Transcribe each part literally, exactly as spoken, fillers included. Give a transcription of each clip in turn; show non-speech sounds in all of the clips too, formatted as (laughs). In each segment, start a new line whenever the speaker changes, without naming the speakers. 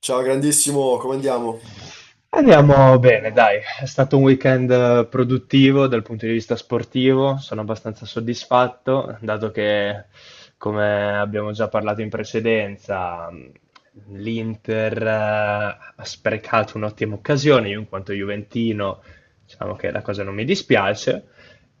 Ciao grandissimo, come andiamo?
Andiamo bene, dai, è stato un weekend eh, produttivo dal punto di vista sportivo, sono abbastanza soddisfatto, dato che, come abbiamo già parlato in precedenza, mh, l'Inter eh, ha sprecato un'ottima occasione, io in quanto juventino diciamo che la cosa non mi dispiace,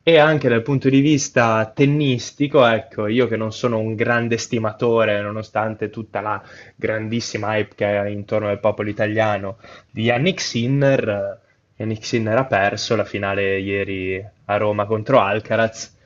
e anche dal punto di vista tennistico, ecco, io che non sono un grande stimatore, nonostante tutta la grandissima hype che è intorno al popolo italiano, di Yannick Sinner. eh, Yannick Sinner ha perso la finale ieri a Roma contro Alcaraz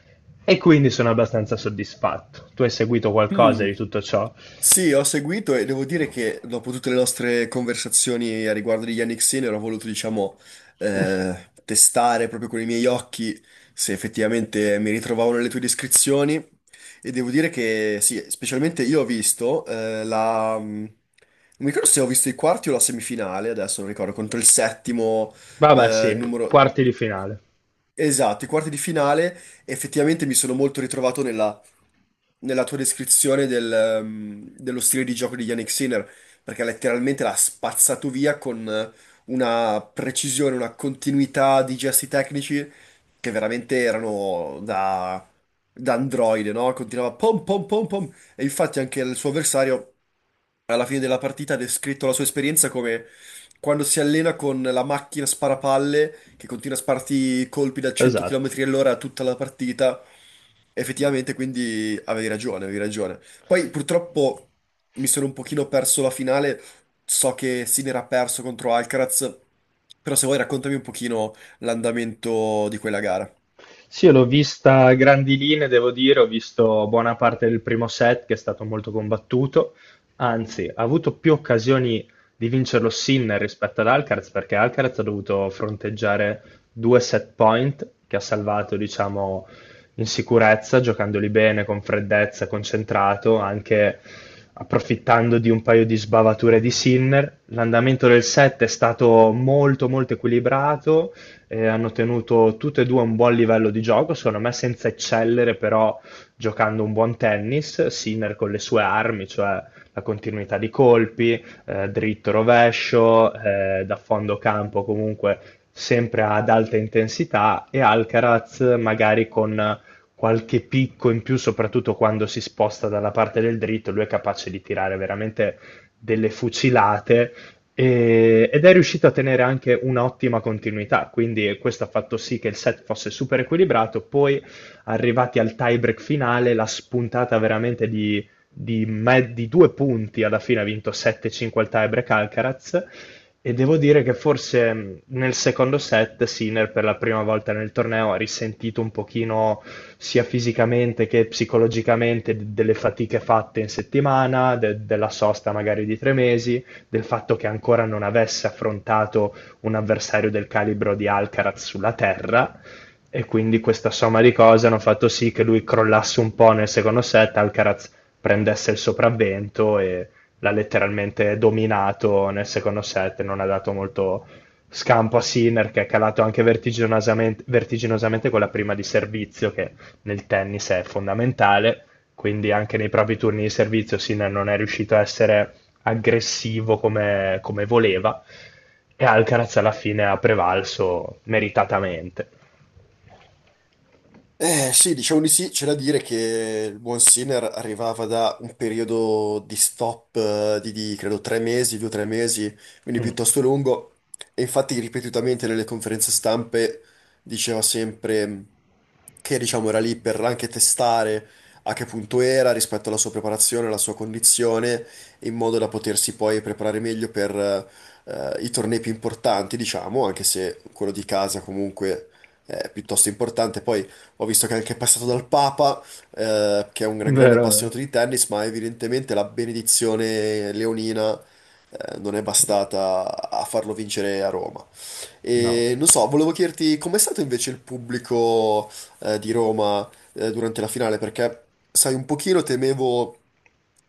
e quindi sono abbastanza soddisfatto. Tu hai seguito qualcosa
Hmm.
di tutto ciò?
Sì, ho seguito e devo dire che dopo tutte le nostre conversazioni a riguardo di Yannick Sinner ho voluto, diciamo, eh, testare proprio con i miei occhi se effettivamente mi ritrovavo nelle tue descrizioni e devo dire che sì, specialmente io ho visto eh, la... mm, Non mi ricordo se ho visto i quarti o la semifinale, adesso non ricordo, contro il settimo
Vabbè,
eh,
sì,
numero...
quarti di finale.
Esatto, i quarti di finale effettivamente mi sono molto ritrovato nella tua descrizione del, ehm, dello stile di gioco di Yannick Sinner, perché letteralmente l'ha spazzato via con eh, una precisione, una continuità di gesti tecnici che veramente erano da, da androide, no? Continuava pom pom pom pom, e infatti anche il suo avversario alla fine della partita ha descritto la sua esperienza come quando si allena con la macchina sparapalle che continua a sparti colpi da 100
Esatto.
km all'ora tutta la partita. Effettivamente, quindi avevi ragione, avevi ragione. Poi purtroppo mi sono un pochino perso la finale, so che si era perso contro Alcaraz, però se vuoi raccontami un pochino l'andamento di quella gara.
Sì, io l'ho vista a grandi linee, devo dire, ho visto buona parte del primo set che è stato molto combattuto, anzi, ha avuto più occasioni di vincerlo Sinner rispetto ad Alcaraz perché Alcaraz ha dovuto fronteggiare due set point che ha salvato, diciamo, in sicurezza, giocandoli bene, con freddezza, concentrato, anche approfittando di un paio di sbavature di Sinner. L'andamento del set è stato molto molto equilibrato, eh, hanno tenuto tutte e due un buon livello di gioco, secondo me senza eccellere però giocando un buon tennis, Sinner con le sue armi, cioè la continuità di colpi, eh, dritto rovescio, eh, da fondo campo comunque sempre ad alta intensità e Alcaraz magari con qualche picco in più, soprattutto quando si sposta dalla parte del dritto, lui è capace di tirare veramente delle fucilate e- ed è riuscito a tenere anche un'ottima continuità, quindi questo ha fatto sì che il set fosse super equilibrato. Poi, arrivati al tie-break finale, la spuntata veramente di, di me- di due punti, alla fine ha vinto sette cinque al tie-break Alcaraz. E devo dire che forse mh, nel secondo set Sinner per la prima volta nel torneo ha risentito un pochino sia fisicamente che psicologicamente d- delle fatiche fatte in settimana, de- della sosta magari di tre mesi, del fatto che ancora non avesse affrontato un avversario del calibro di Alcaraz sulla terra e quindi questa somma di cose hanno fatto sì che lui crollasse un po' nel secondo set, Alcaraz prendesse il sopravvento e l'ha letteralmente dominato nel secondo set, non ha dato molto scampo a Sinner che è calato anche vertiginosamente, vertiginosamente con la prima di servizio che nel tennis è fondamentale, quindi anche nei propri turni di servizio Sinner non è riuscito a essere aggressivo come, come voleva e Alcaraz alla fine ha prevalso meritatamente.
Eh sì, diciamo di sì, c'è da dire che il buon Sinner arrivava da un periodo di stop eh, di, di, credo tre mesi, due o tre mesi, quindi
Mm.
piuttosto lungo, e infatti ripetutamente nelle conferenze stampe diceva sempre che diciamo era lì per anche testare a che punto era rispetto alla sua preparazione, alla sua condizione, in modo da potersi poi preparare meglio per eh, i tornei più importanti, diciamo, anche se quello di casa comunque è piuttosto importante. Poi ho visto che è anche passato dal Papa, eh, che è un grande
Vero, vero.
appassionato di tennis, ma evidentemente la benedizione leonina, eh, non è bastata a farlo vincere a Roma.
No.
E non so, volevo chiederti com'è stato invece il pubblico eh, di Roma eh, durante la finale, perché sai, un pochino temevo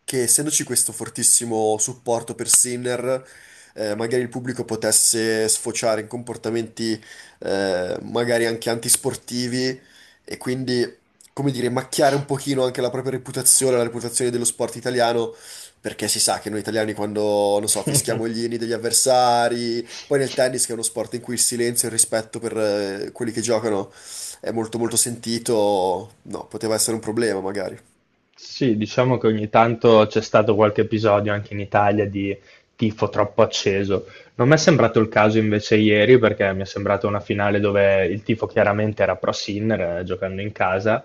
che essendoci questo fortissimo supporto per Sinner, eh, magari il pubblico potesse sfociare in comportamenti eh, magari anche antisportivi e quindi, come dire, macchiare un pochino anche la propria reputazione, la reputazione dello sport italiano, perché si sa che noi italiani quando, non so,
(laughs)
fischiamo gli inni degli avversari poi nel tennis, che è uno sport in cui il silenzio e il rispetto per eh, quelli che giocano è molto molto sentito, no, poteva essere un problema magari.
Sì, diciamo che ogni tanto c'è stato qualche episodio anche in Italia di tifo troppo acceso. Non mi è sembrato il caso invece ieri, perché mi è sembrata una finale dove il tifo chiaramente era pro Sinner, eh, giocando in casa,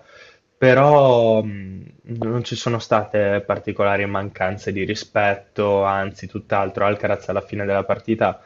però mh, non ci sono state particolari mancanze di rispetto, anzi tutt'altro. Alcaraz alla fine della partita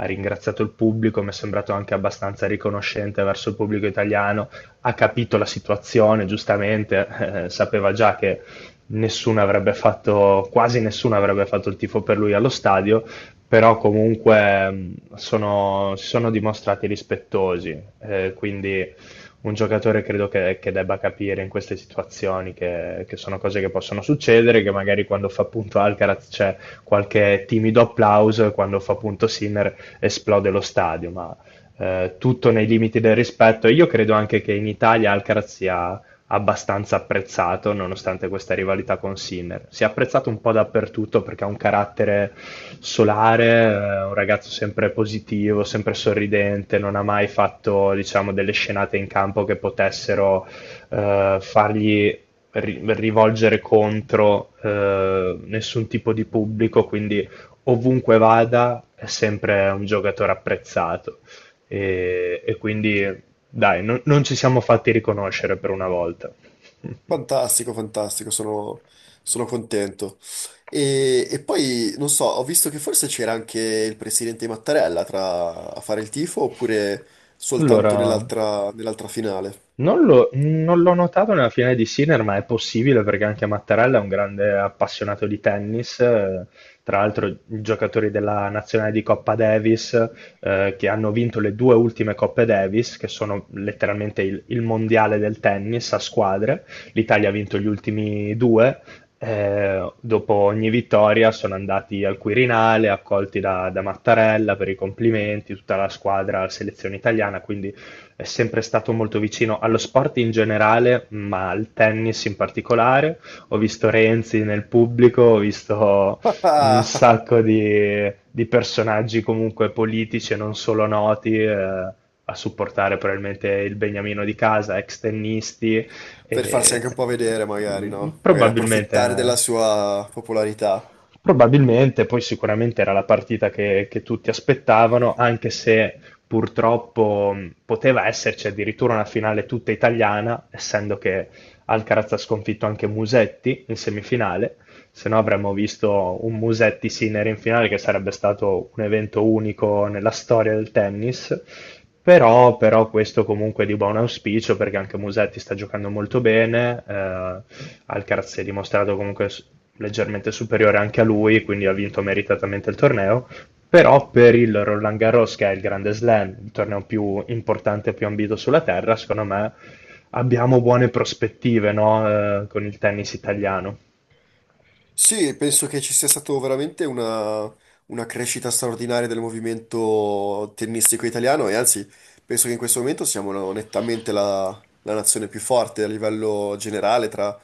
ha ringraziato il pubblico, mi è sembrato anche abbastanza riconoscente verso il pubblico italiano, ha capito la situazione, giustamente, eh, sapeva già che nessuno avrebbe fatto, quasi nessuno avrebbe fatto il tifo per lui allo stadio, però comunque mh, sono- si sono dimostrati rispettosi, eh, quindi un giocatore credo che, che debba capire in queste situazioni che, che sono cose che possono succedere, che magari quando fa punto Alcaraz c'è qualche timido applauso e quando fa punto Sinner esplode lo stadio, ma eh, tutto nei limiti del rispetto e io credo anche che in Italia Alcaraz sia abbastanza apprezzato nonostante questa rivalità con Sinner. Si è apprezzato un po' dappertutto perché ha un carattere solare, eh, un ragazzo sempre positivo, sempre sorridente, non ha mai fatto, diciamo, delle scenate in campo che potessero eh, fargli ri- rivolgere contro eh, nessun tipo di pubblico, quindi ovunque vada è sempre un giocatore apprezzato. E, e quindi, dai, non, non ci siamo fatti riconoscere per una volta. (laughs)
Fantastico, fantastico, sono, sono contento. E, e poi, non so, ho visto che forse c'era anche il presidente Mattarella tra- a fare il tifo oppure soltanto
Allora,
nell'altra nell'altra finale.
Non l'ho non l'ho notato nella finale di Sinner, ma è possibile perché anche Mattarella è un grande appassionato di tennis, eh, tra l'altro giocatori della nazionale di Coppa Davis, eh, che hanno vinto le due ultime Coppe Davis, che sono letteralmente il, il mondiale del tennis a squadre. L'Italia ha vinto gli ultimi due. Eh, dopo ogni vittoria sono andati al Quirinale, accolti da, da Mattarella per i complimenti, tutta la squadra, la selezione italiana, quindi è sempre stato molto vicino allo sport in generale, ma al tennis in particolare. Ho visto Renzi nel pubblico, ho visto un
(laughs)
sacco di, di personaggi comunque politici e non solo noti. eh, A supportare probabilmente il Beniamino di casa, ex tennisti,
Per farsi
e,
anche un po' vedere magari,
mm,
no? Magari
probabilmente
approfittare della sua popolarità.
Probabilmente, poi sicuramente era la partita che, che tutti aspettavano, anche se purtroppo mh, poteva esserci addirittura una finale tutta italiana, essendo che Alcaraz ha sconfitto anche Musetti in semifinale, se no avremmo visto un Musetti Sinner in finale che sarebbe stato un evento unico nella storia del tennis. Però, però questo comunque è di buon auspicio perché anche Musetti sta giocando molto bene, eh, Alcaraz si è dimostrato comunque s- leggermente superiore anche a lui, quindi ha vinto meritatamente il torneo però per il Roland Garros, che è il Grande Slam, il torneo più importante e più ambito sulla terra, secondo me abbiamo buone prospettive, no? Eh, con il tennis italiano.
Sì, penso che ci sia stata veramente una, una crescita straordinaria del movimento tennistico italiano e anzi penso che in questo momento siamo la- nettamente la, la nazione più forte a livello generale tra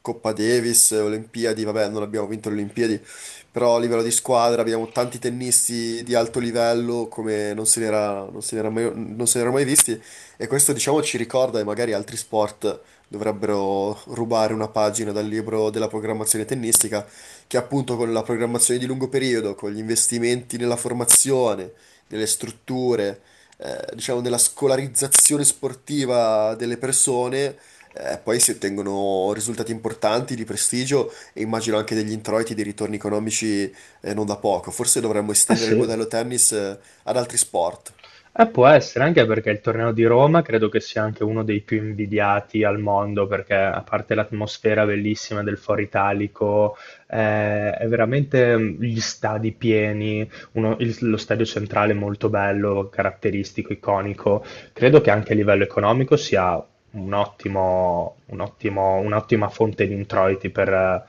Coppa Davis, Olimpiadi, vabbè non abbiamo vinto le Olimpiadi, però a livello di squadra abbiamo tanti tennisti di alto livello come non se n'era non se n'era mai, non se n'era mai visti e questo diciamo ci ricorda e magari altri sport dovrebbero rubare una pagina dal libro della programmazione tennistica, che appunto con la programmazione di lungo periodo, con gli investimenti nella formazione, nelle strutture, eh, diciamo nella scolarizzazione sportiva delle persone, eh, poi si ottengono risultati importanti di prestigio e immagino anche degli introiti, dei ritorni economici, eh, non da poco. Forse dovremmo
Eh
estendere il
sì,
modello tennis, eh, ad altri sport.
eh, può essere, anche perché il torneo di Roma credo che sia anche uno dei più invidiati al mondo, perché a parte l'atmosfera bellissima del Foro Italico, eh, è veramente mm, gli stadi pieni, uno- il- lo stadio centrale molto bello, caratteristico, iconico. Credo che anche a livello economico sia un ottimo, un ottimo- un'ottima fonte di introiti per, eh,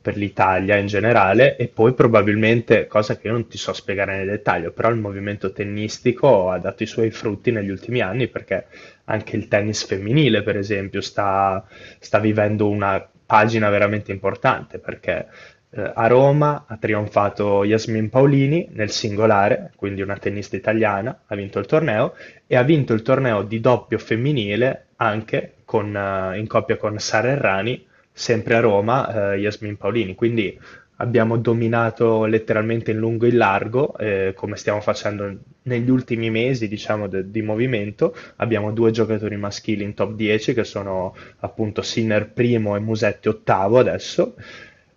per l'Italia in generale e poi probabilmente, cosa che io non ti so spiegare nel dettaglio, però il movimento tennistico ha dato i suoi frutti negli ultimi anni perché anche il tennis femminile, per esempio, sta, sta vivendo una pagina veramente importante perché eh, a Roma ha trionfato Yasmin Paolini nel singolare, quindi una tennista italiana, ha vinto il torneo e ha vinto il torneo di doppio femminile anche con, eh, in coppia con Sara Errani, sempre a Roma, eh, Yasmin Paolini. Quindi abbiamo dominato letteralmente in lungo e in largo, eh, come stiamo facendo negli ultimi mesi, diciamo, de- di movimento. Abbiamo due giocatori maschili in top dieci che sono appunto Sinner primo e Musetti ottavo adesso.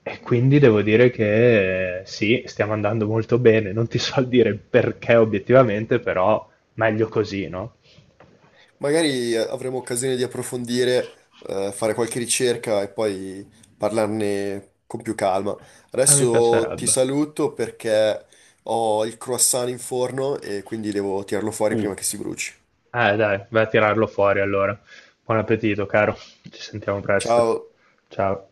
E quindi devo dire che eh, sì, stiamo andando molto bene. Non ti so dire il perché obiettivamente, però meglio così, no?
Magari eh, avremo occasione di approfondire, eh, fare qualche ricerca e poi parlarne con più calma.
Ah, mi
Adesso ti
piacerebbe.
saluto perché ho il croissant in forno e quindi devo tirarlo fuori
Uh,
prima che si bruci.
eh dai, vai a tirarlo fuori allora. Buon appetito, caro. Ci sentiamo presto.
Ciao!
Ciao.